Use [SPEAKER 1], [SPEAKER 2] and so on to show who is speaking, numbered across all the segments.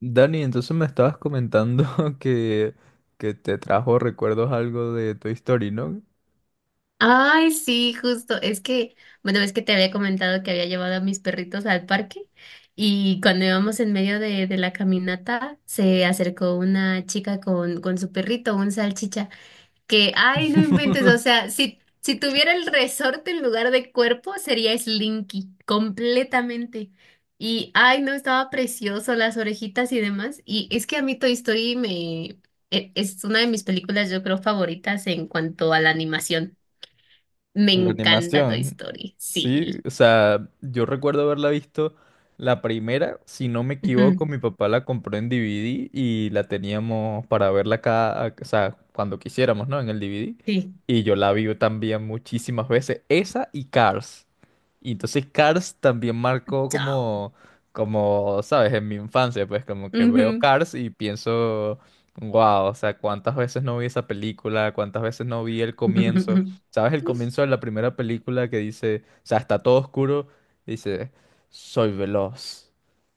[SPEAKER 1] Dani, entonces me estabas comentando que, que te trajo recuerdos algo de Toy Story, ¿no?
[SPEAKER 2] Ay, sí, justo. Es que, bueno, es que te había comentado que había llevado a mis perritos al parque y cuando íbamos en medio de la caminata se acercó una chica con su perrito, un salchicha, que, ay, no inventes, o sea, si tuviera el resorte en lugar de cuerpo sería Slinky, completamente. Y, ay, no, estaba precioso, las orejitas y demás. Y es que a mí Toy Story me... Es una de mis películas, yo creo, favoritas en cuanto a la animación. Me
[SPEAKER 1] La
[SPEAKER 2] encanta Toy
[SPEAKER 1] animación,
[SPEAKER 2] Story.
[SPEAKER 1] sí,
[SPEAKER 2] Sí.
[SPEAKER 1] o sea, yo recuerdo haberla visto la primera, si no me equivoco,
[SPEAKER 2] Ujú.
[SPEAKER 1] mi papá la compró en DVD y la teníamos para verla cada, o sea, cuando quisiéramos, ¿no? En el DVD.
[SPEAKER 2] Sí.
[SPEAKER 1] Y yo la vi también muchísimas veces, esa y Cars. Y entonces Cars también marcó
[SPEAKER 2] Chao.
[SPEAKER 1] como, ¿sabes? En mi infancia, pues como que veo
[SPEAKER 2] Ujú.
[SPEAKER 1] Cars y pienso, wow, o sea, cuántas veces no vi esa película, cuántas veces no vi el comienzo. ¿Sabes el comienzo de la primera película que dice? O sea, está todo oscuro, dice, soy veloz,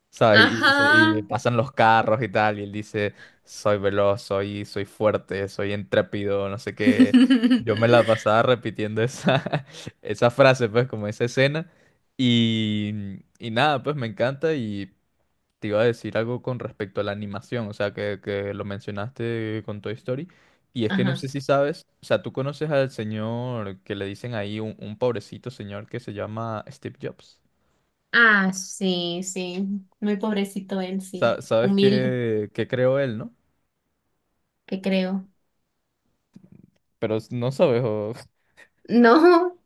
[SPEAKER 1] ¿sabes? Y
[SPEAKER 2] Ajá.
[SPEAKER 1] y pasan los carros y tal, y él dice, soy veloz, soy fuerte, soy intrépido, no sé qué. Yo me la pasaba repitiendo esa, esa frase, pues, como esa escena, y nada, pues me encanta. Te iba a decir algo con respecto a la animación, o sea, que lo mencionaste con Toy Story. Y es que no sé
[SPEAKER 2] Ajá.
[SPEAKER 1] si sabes, o sea, tú conoces al señor que le dicen ahí, un pobrecito señor que se llama Steve Jobs.
[SPEAKER 2] Ah, sí, sí. Muy pobrecito él, sí.
[SPEAKER 1] ¿Sabes
[SPEAKER 2] Humilde,
[SPEAKER 1] qué, qué creó él, no?
[SPEAKER 2] que creo.
[SPEAKER 1] ¿No sabes? O-
[SPEAKER 2] No,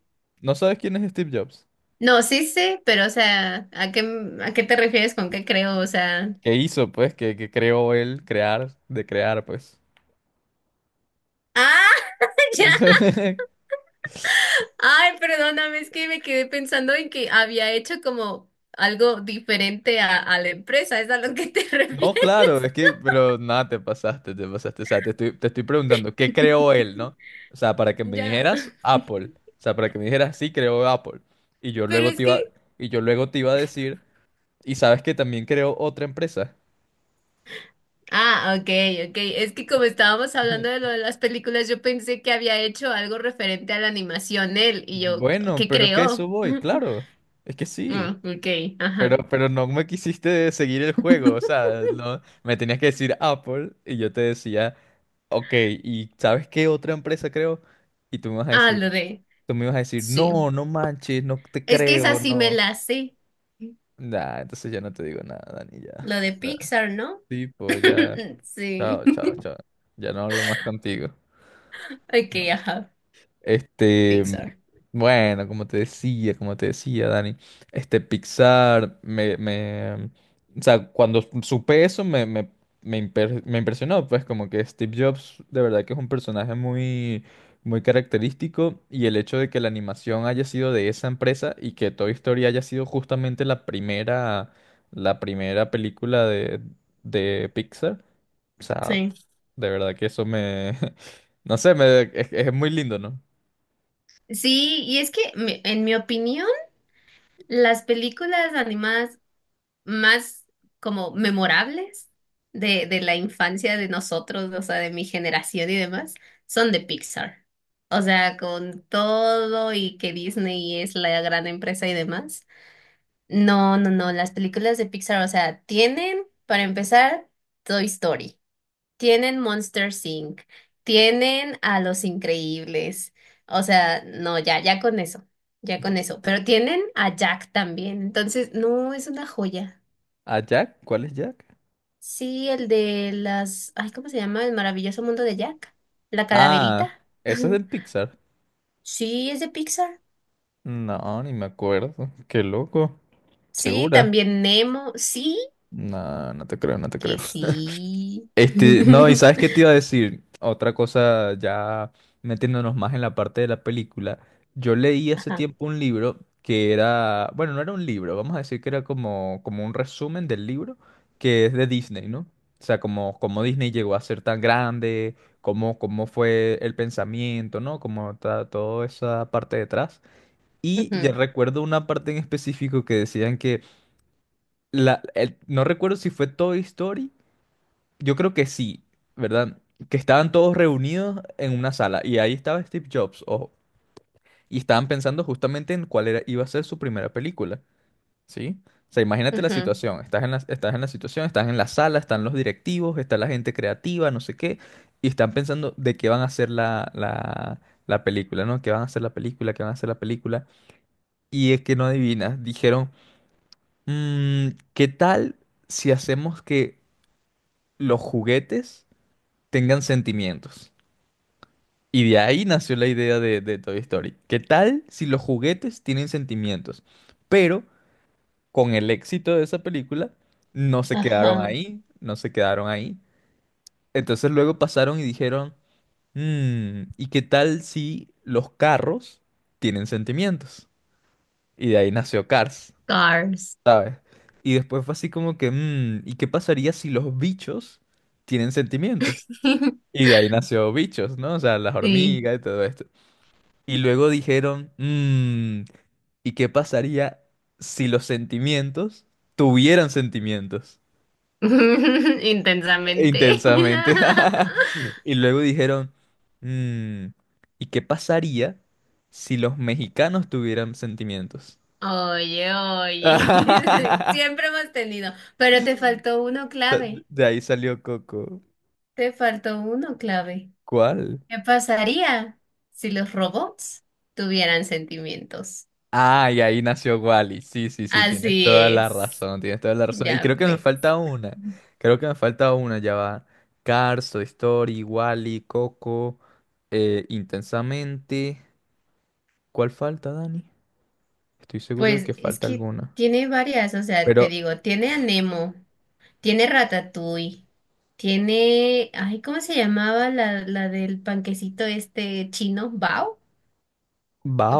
[SPEAKER 1] ¿No sabes quién es Steve Jobs?
[SPEAKER 2] no, sí sé, pero o sea, ¿a qué te refieres con qué creo? O sea.
[SPEAKER 1] ¿Qué hizo, pues? ¿Qué, qué creó él? ¿Crear, de crear, pues?
[SPEAKER 2] Ah, ya. Ay, perdóname, es que me quedé pensando en que había hecho como algo diferente a la empresa, es a lo que te
[SPEAKER 1] No,
[SPEAKER 2] refieres.
[SPEAKER 1] claro, es que, pero nada, te pasaste, te pasaste. O sea, te estoy preguntando, ¿qué creó él, no? O sea, para que me
[SPEAKER 2] Ya.
[SPEAKER 1] dijeras Apple. O sea, para que me dijeras, sí, creó Apple. Y yo
[SPEAKER 2] Pero
[SPEAKER 1] luego
[SPEAKER 2] es
[SPEAKER 1] te iba,
[SPEAKER 2] que...
[SPEAKER 1] y yo luego te iba a decir, ¿y sabes que también creó otra empresa?
[SPEAKER 2] Ah, ok, ok. Es que como estábamos hablando de lo de las películas, yo pensé que había hecho algo referente a la animación él y yo,
[SPEAKER 1] Bueno,
[SPEAKER 2] ¿qué
[SPEAKER 1] pero es que a eso
[SPEAKER 2] creó?
[SPEAKER 1] voy, claro. Es que sí.
[SPEAKER 2] Ah, ok,
[SPEAKER 1] Pero,
[SPEAKER 2] ajá.
[SPEAKER 1] pero no me quisiste seguir el juego. O sea, no, me tenías que decir Apple y yo te decía, ok, ¿y sabes qué otra empresa creo? Y tú me vas a
[SPEAKER 2] Ah, lo
[SPEAKER 1] decir.
[SPEAKER 2] de...
[SPEAKER 1] Tú me ibas a decir,
[SPEAKER 2] Sí.
[SPEAKER 1] no, no manches, no te
[SPEAKER 2] Es que esa
[SPEAKER 1] creo,
[SPEAKER 2] sí me
[SPEAKER 1] no.
[SPEAKER 2] la sé.
[SPEAKER 1] Nah, entonces ya no te digo nada, Dani, ya.
[SPEAKER 2] Lo de
[SPEAKER 1] Nah,
[SPEAKER 2] Pixar, ¿no?
[SPEAKER 1] tipo, ya.
[SPEAKER 2] Sí.
[SPEAKER 1] Chao, chao, chao. Ya no hablo más contigo.
[SPEAKER 2] Ok, ajá.
[SPEAKER 1] Este,
[SPEAKER 2] Pixar.
[SPEAKER 1] bueno, como te decía, Dani, este Pixar, o sea, cuando supe eso me impresionó, pues como que Steve Jobs de verdad que es un personaje muy, muy característico, y el hecho de que la animación haya sido de esa empresa y que Toy Story haya sido justamente la primera película de Pixar, o sea,
[SPEAKER 2] Sí.
[SPEAKER 1] de verdad que eso me, no sé, me, es muy lindo, ¿no?
[SPEAKER 2] Sí, y es que en mi opinión, las películas animadas más como memorables de la infancia de nosotros, o sea, de mi generación y demás, son de Pixar. O sea, con todo y que Disney es la gran empresa y demás. No, no, no, las películas de Pixar, o sea, tienen, para empezar, Toy Story, tienen Monsters Inc., tienen a Los Increíbles, o sea, no, ya, ya con eso, pero tienen a Jack también, entonces, no, es una joya.
[SPEAKER 1] ¿A Jack? ¿Cuál es Jack?
[SPEAKER 2] Sí, el de las, ay, ¿cómo se llama? El maravilloso mundo de Jack. La
[SPEAKER 1] Ah,
[SPEAKER 2] calaverita.
[SPEAKER 1] ¿ese es del Pixar?
[SPEAKER 2] Sí, es de Pixar.
[SPEAKER 1] No, ni me acuerdo. Qué loco.
[SPEAKER 2] Sí,
[SPEAKER 1] ¿Segura?
[SPEAKER 2] también Nemo. Sí,
[SPEAKER 1] No, no te creo, no te creo.
[SPEAKER 2] que sí.
[SPEAKER 1] Este, no, y sabes qué te iba a decir, otra cosa ya metiéndonos más en la parte de la película. Yo leí hace
[SPEAKER 2] Ajá.
[SPEAKER 1] tiempo un libro que era, bueno, no era un libro, vamos a decir que era como, como un resumen del libro que es de Disney, ¿no? O sea, como, como Disney llegó a ser tan grande, cómo, cómo fue el pensamiento, ¿no? Toda esa parte detrás. Y ya
[SPEAKER 2] Ujú,
[SPEAKER 1] recuerdo una parte en específico que decían no recuerdo si fue Toy Story, yo creo que sí, ¿verdad? Que estaban todos reunidos en una sala y ahí estaba Steve Jobs, ojo, y estaban pensando justamente en cuál era, iba a ser su primera película, ¿sí? O sea, imagínate la
[SPEAKER 2] ujú.
[SPEAKER 1] situación, estás en la situación, estás en la sala, están los directivos, está la gente creativa, no sé qué, y están pensando de qué van a hacer la película, ¿no? ¿Qué van a hacer la película? ¿Qué van a hacer la película? Y es que no adivinas, dijeron, "Mm, ¿qué tal si hacemos que los juguetes tengan sentimientos?" Y de ahí nació la idea de Toy Story. ¿Qué tal si los juguetes tienen sentimientos? Pero con el éxito de esa película, no se quedaron
[SPEAKER 2] Ajá.
[SPEAKER 1] ahí, no se quedaron ahí. Entonces luego pasaron y dijeron, "Mm, ¿y qué tal si los carros tienen sentimientos?" Y de ahí nació Cars,
[SPEAKER 2] Cars.
[SPEAKER 1] ¿sabes? Y después fue así como que, "Mm, ¿y qué pasaría si los bichos tienen sentimientos?" Y de ahí nació Bichos, ¿no? O sea, las
[SPEAKER 2] Sí.
[SPEAKER 1] hormigas y todo esto. Y luego dijeron, "Mm, ¿y qué pasaría si los sentimientos tuvieran sentimientos
[SPEAKER 2] Intensamente.
[SPEAKER 1] intensamente?" Y luego dijeron, "Mm, ¿y qué pasaría si los mexicanos tuvieran sentimientos?"
[SPEAKER 2] Oye, oye. Siempre hemos tenido. Pero te faltó uno clave.
[SPEAKER 1] De ahí salió Coco.
[SPEAKER 2] Te faltó uno clave.
[SPEAKER 1] ¿Cuál?
[SPEAKER 2] ¿Qué pasaría si los robots tuvieran sentimientos?
[SPEAKER 1] Ah, y ahí nació Wally. Sí, sí, sí, tienes
[SPEAKER 2] Así
[SPEAKER 1] toda la
[SPEAKER 2] es.
[SPEAKER 1] razón, tienes toda la razón. Y
[SPEAKER 2] ¿Ya
[SPEAKER 1] creo que me
[SPEAKER 2] ves?
[SPEAKER 1] falta una. Creo que me falta una, ya va. Cars, Toy Story, Wally, Coco, Intensamente. ¿Cuál falta, Dani? Estoy seguro de
[SPEAKER 2] Pues
[SPEAKER 1] que
[SPEAKER 2] es
[SPEAKER 1] falta
[SPEAKER 2] que
[SPEAKER 1] alguna.
[SPEAKER 2] tiene varias, o sea,
[SPEAKER 1] Pero,
[SPEAKER 2] te digo, tiene a Nemo, tiene Ratatouille, tiene, ay, ¿cómo se llamaba la del panquecito este chino? ¿Bao?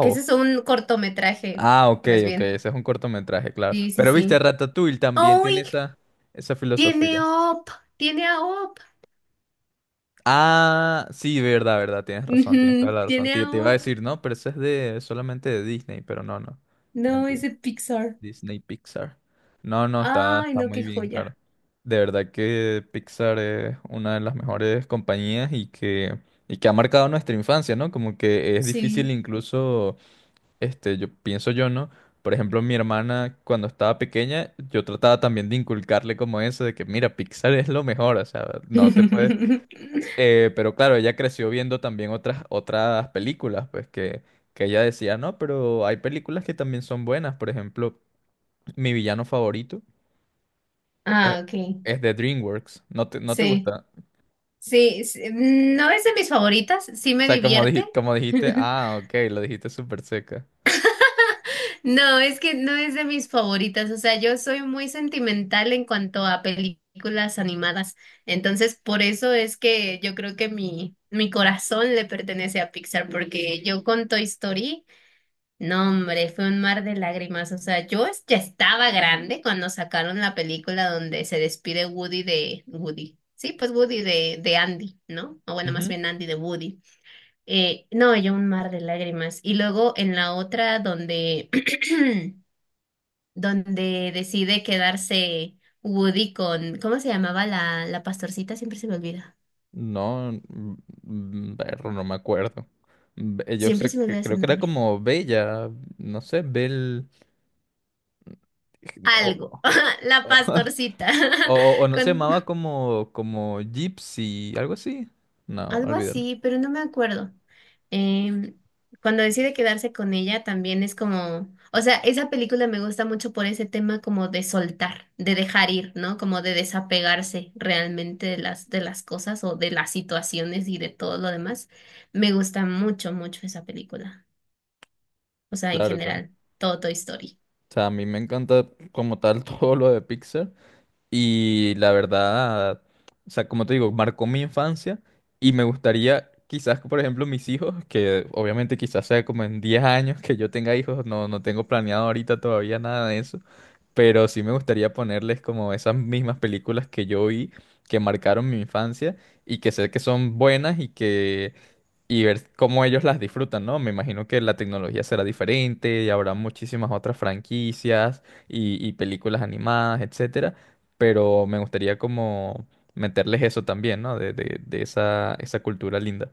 [SPEAKER 2] Que ese es un cortometraje,
[SPEAKER 1] Ah, ok,
[SPEAKER 2] más
[SPEAKER 1] ok,
[SPEAKER 2] bien.
[SPEAKER 1] ese es un cortometraje, claro.
[SPEAKER 2] Sí, sí,
[SPEAKER 1] Pero viste,
[SPEAKER 2] sí.
[SPEAKER 1] Ratatouille también tiene
[SPEAKER 2] ¡Uy!
[SPEAKER 1] esa, esa
[SPEAKER 2] Tiene
[SPEAKER 1] filosofía.
[SPEAKER 2] a Up, tiene a Up.
[SPEAKER 1] Ah, sí, verdad, verdad, tienes razón, tienes toda
[SPEAKER 2] Ujú,
[SPEAKER 1] la razón.
[SPEAKER 2] tiene a
[SPEAKER 1] Te iba a
[SPEAKER 2] Up.
[SPEAKER 1] decir, no, pero eso es de solamente de Disney, pero no, no.
[SPEAKER 2] No,
[SPEAKER 1] Mentira.
[SPEAKER 2] es de Pixar.
[SPEAKER 1] Disney Pixar. No, no, está,
[SPEAKER 2] Ay,
[SPEAKER 1] está
[SPEAKER 2] no,
[SPEAKER 1] muy
[SPEAKER 2] qué
[SPEAKER 1] bien, claro.
[SPEAKER 2] joya.
[SPEAKER 1] De verdad que Pixar es una de las mejores compañías, y que ha marcado nuestra infancia, ¿no? Como que es difícil
[SPEAKER 2] Sí.
[SPEAKER 1] incluso, este, yo pienso yo, ¿no? Por ejemplo, mi hermana cuando estaba pequeña, yo trataba también de inculcarle como eso, de que mira, Pixar es lo mejor, o sea, no te puedes pero claro, ella creció viendo también otras, otras películas, pues que ella decía, no, pero hay películas que también son buenas. Por ejemplo, mi villano favorito es,
[SPEAKER 2] Ah, ok.
[SPEAKER 1] es de DreamWorks. No te
[SPEAKER 2] Sí.
[SPEAKER 1] gusta?
[SPEAKER 2] Sí, sí, no es de mis favoritas, sí
[SPEAKER 1] O
[SPEAKER 2] me
[SPEAKER 1] sea, como,
[SPEAKER 2] divierte.
[SPEAKER 1] como dijiste, ah, ok, lo dijiste súper seca.
[SPEAKER 2] No, es que no es de mis favoritas, o sea, yo soy muy sentimental en cuanto a películas animadas, entonces por eso es que yo creo que mi corazón le pertenece a Pixar, porque yo con Toy Story... No, hombre, fue un mar de lágrimas. O sea, yo ya estaba grande cuando sacaron la película donde se despide Woody de Woody. Sí, pues Woody de Andy, ¿no? O bueno, más
[SPEAKER 1] Ujú.
[SPEAKER 2] bien Andy de Woody. No, yo un mar de lágrimas. Y luego en la otra donde, donde decide quedarse Woody con, ¿cómo se llamaba la pastorcita? Siempre se me olvida.
[SPEAKER 1] No, perro, no me acuerdo. Yo
[SPEAKER 2] Siempre
[SPEAKER 1] sé
[SPEAKER 2] se me
[SPEAKER 1] que
[SPEAKER 2] olvida su
[SPEAKER 1] creo que era
[SPEAKER 2] nombre.
[SPEAKER 1] como Bella, no sé, Bel... o-
[SPEAKER 2] Algo.
[SPEAKER 1] o-
[SPEAKER 2] La pastorcita.
[SPEAKER 1] No se
[SPEAKER 2] Con,
[SPEAKER 1] llamaba como, como Gypsy, algo así. No,
[SPEAKER 2] algo
[SPEAKER 1] olvídalo.
[SPEAKER 2] así, pero no me acuerdo. Em, cuando decide quedarse con ella también es como, o sea, esa película me gusta mucho por ese tema como de soltar, de dejar ir, ¿no? Como de desapegarse realmente de las cosas o de las situaciones y de todo lo demás. Me gusta mucho, mucho esa película. O sea, en
[SPEAKER 1] Claro, claro.
[SPEAKER 2] general, todo Toy Story.
[SPEAKER 1] O sea, a mí me encanta como tal todo lo de Pixar. Y la verdad, o sea, como te digo, marcó mi infancia. Y me gustaría, quizás, que, por ejemplo, mis hijos, que obviamente quizás sea como en 10 años que yo tenga hijos, no, no tengo planeado ahorita todavía nada de eso. Pero sí me gustaría ponerles como esas mismas películas que yo vi, que marcaron mi infancia y que sé que son buenas, y que y ver cómo ellos las disfrutan, ¿no? Me imagino que la tecnología será diferente y habrá muchísimas otras franquicias y películas animadas, etcétera, pero me gustaría como meterles eso también, ¿no? De, de esa, esa cultura linda.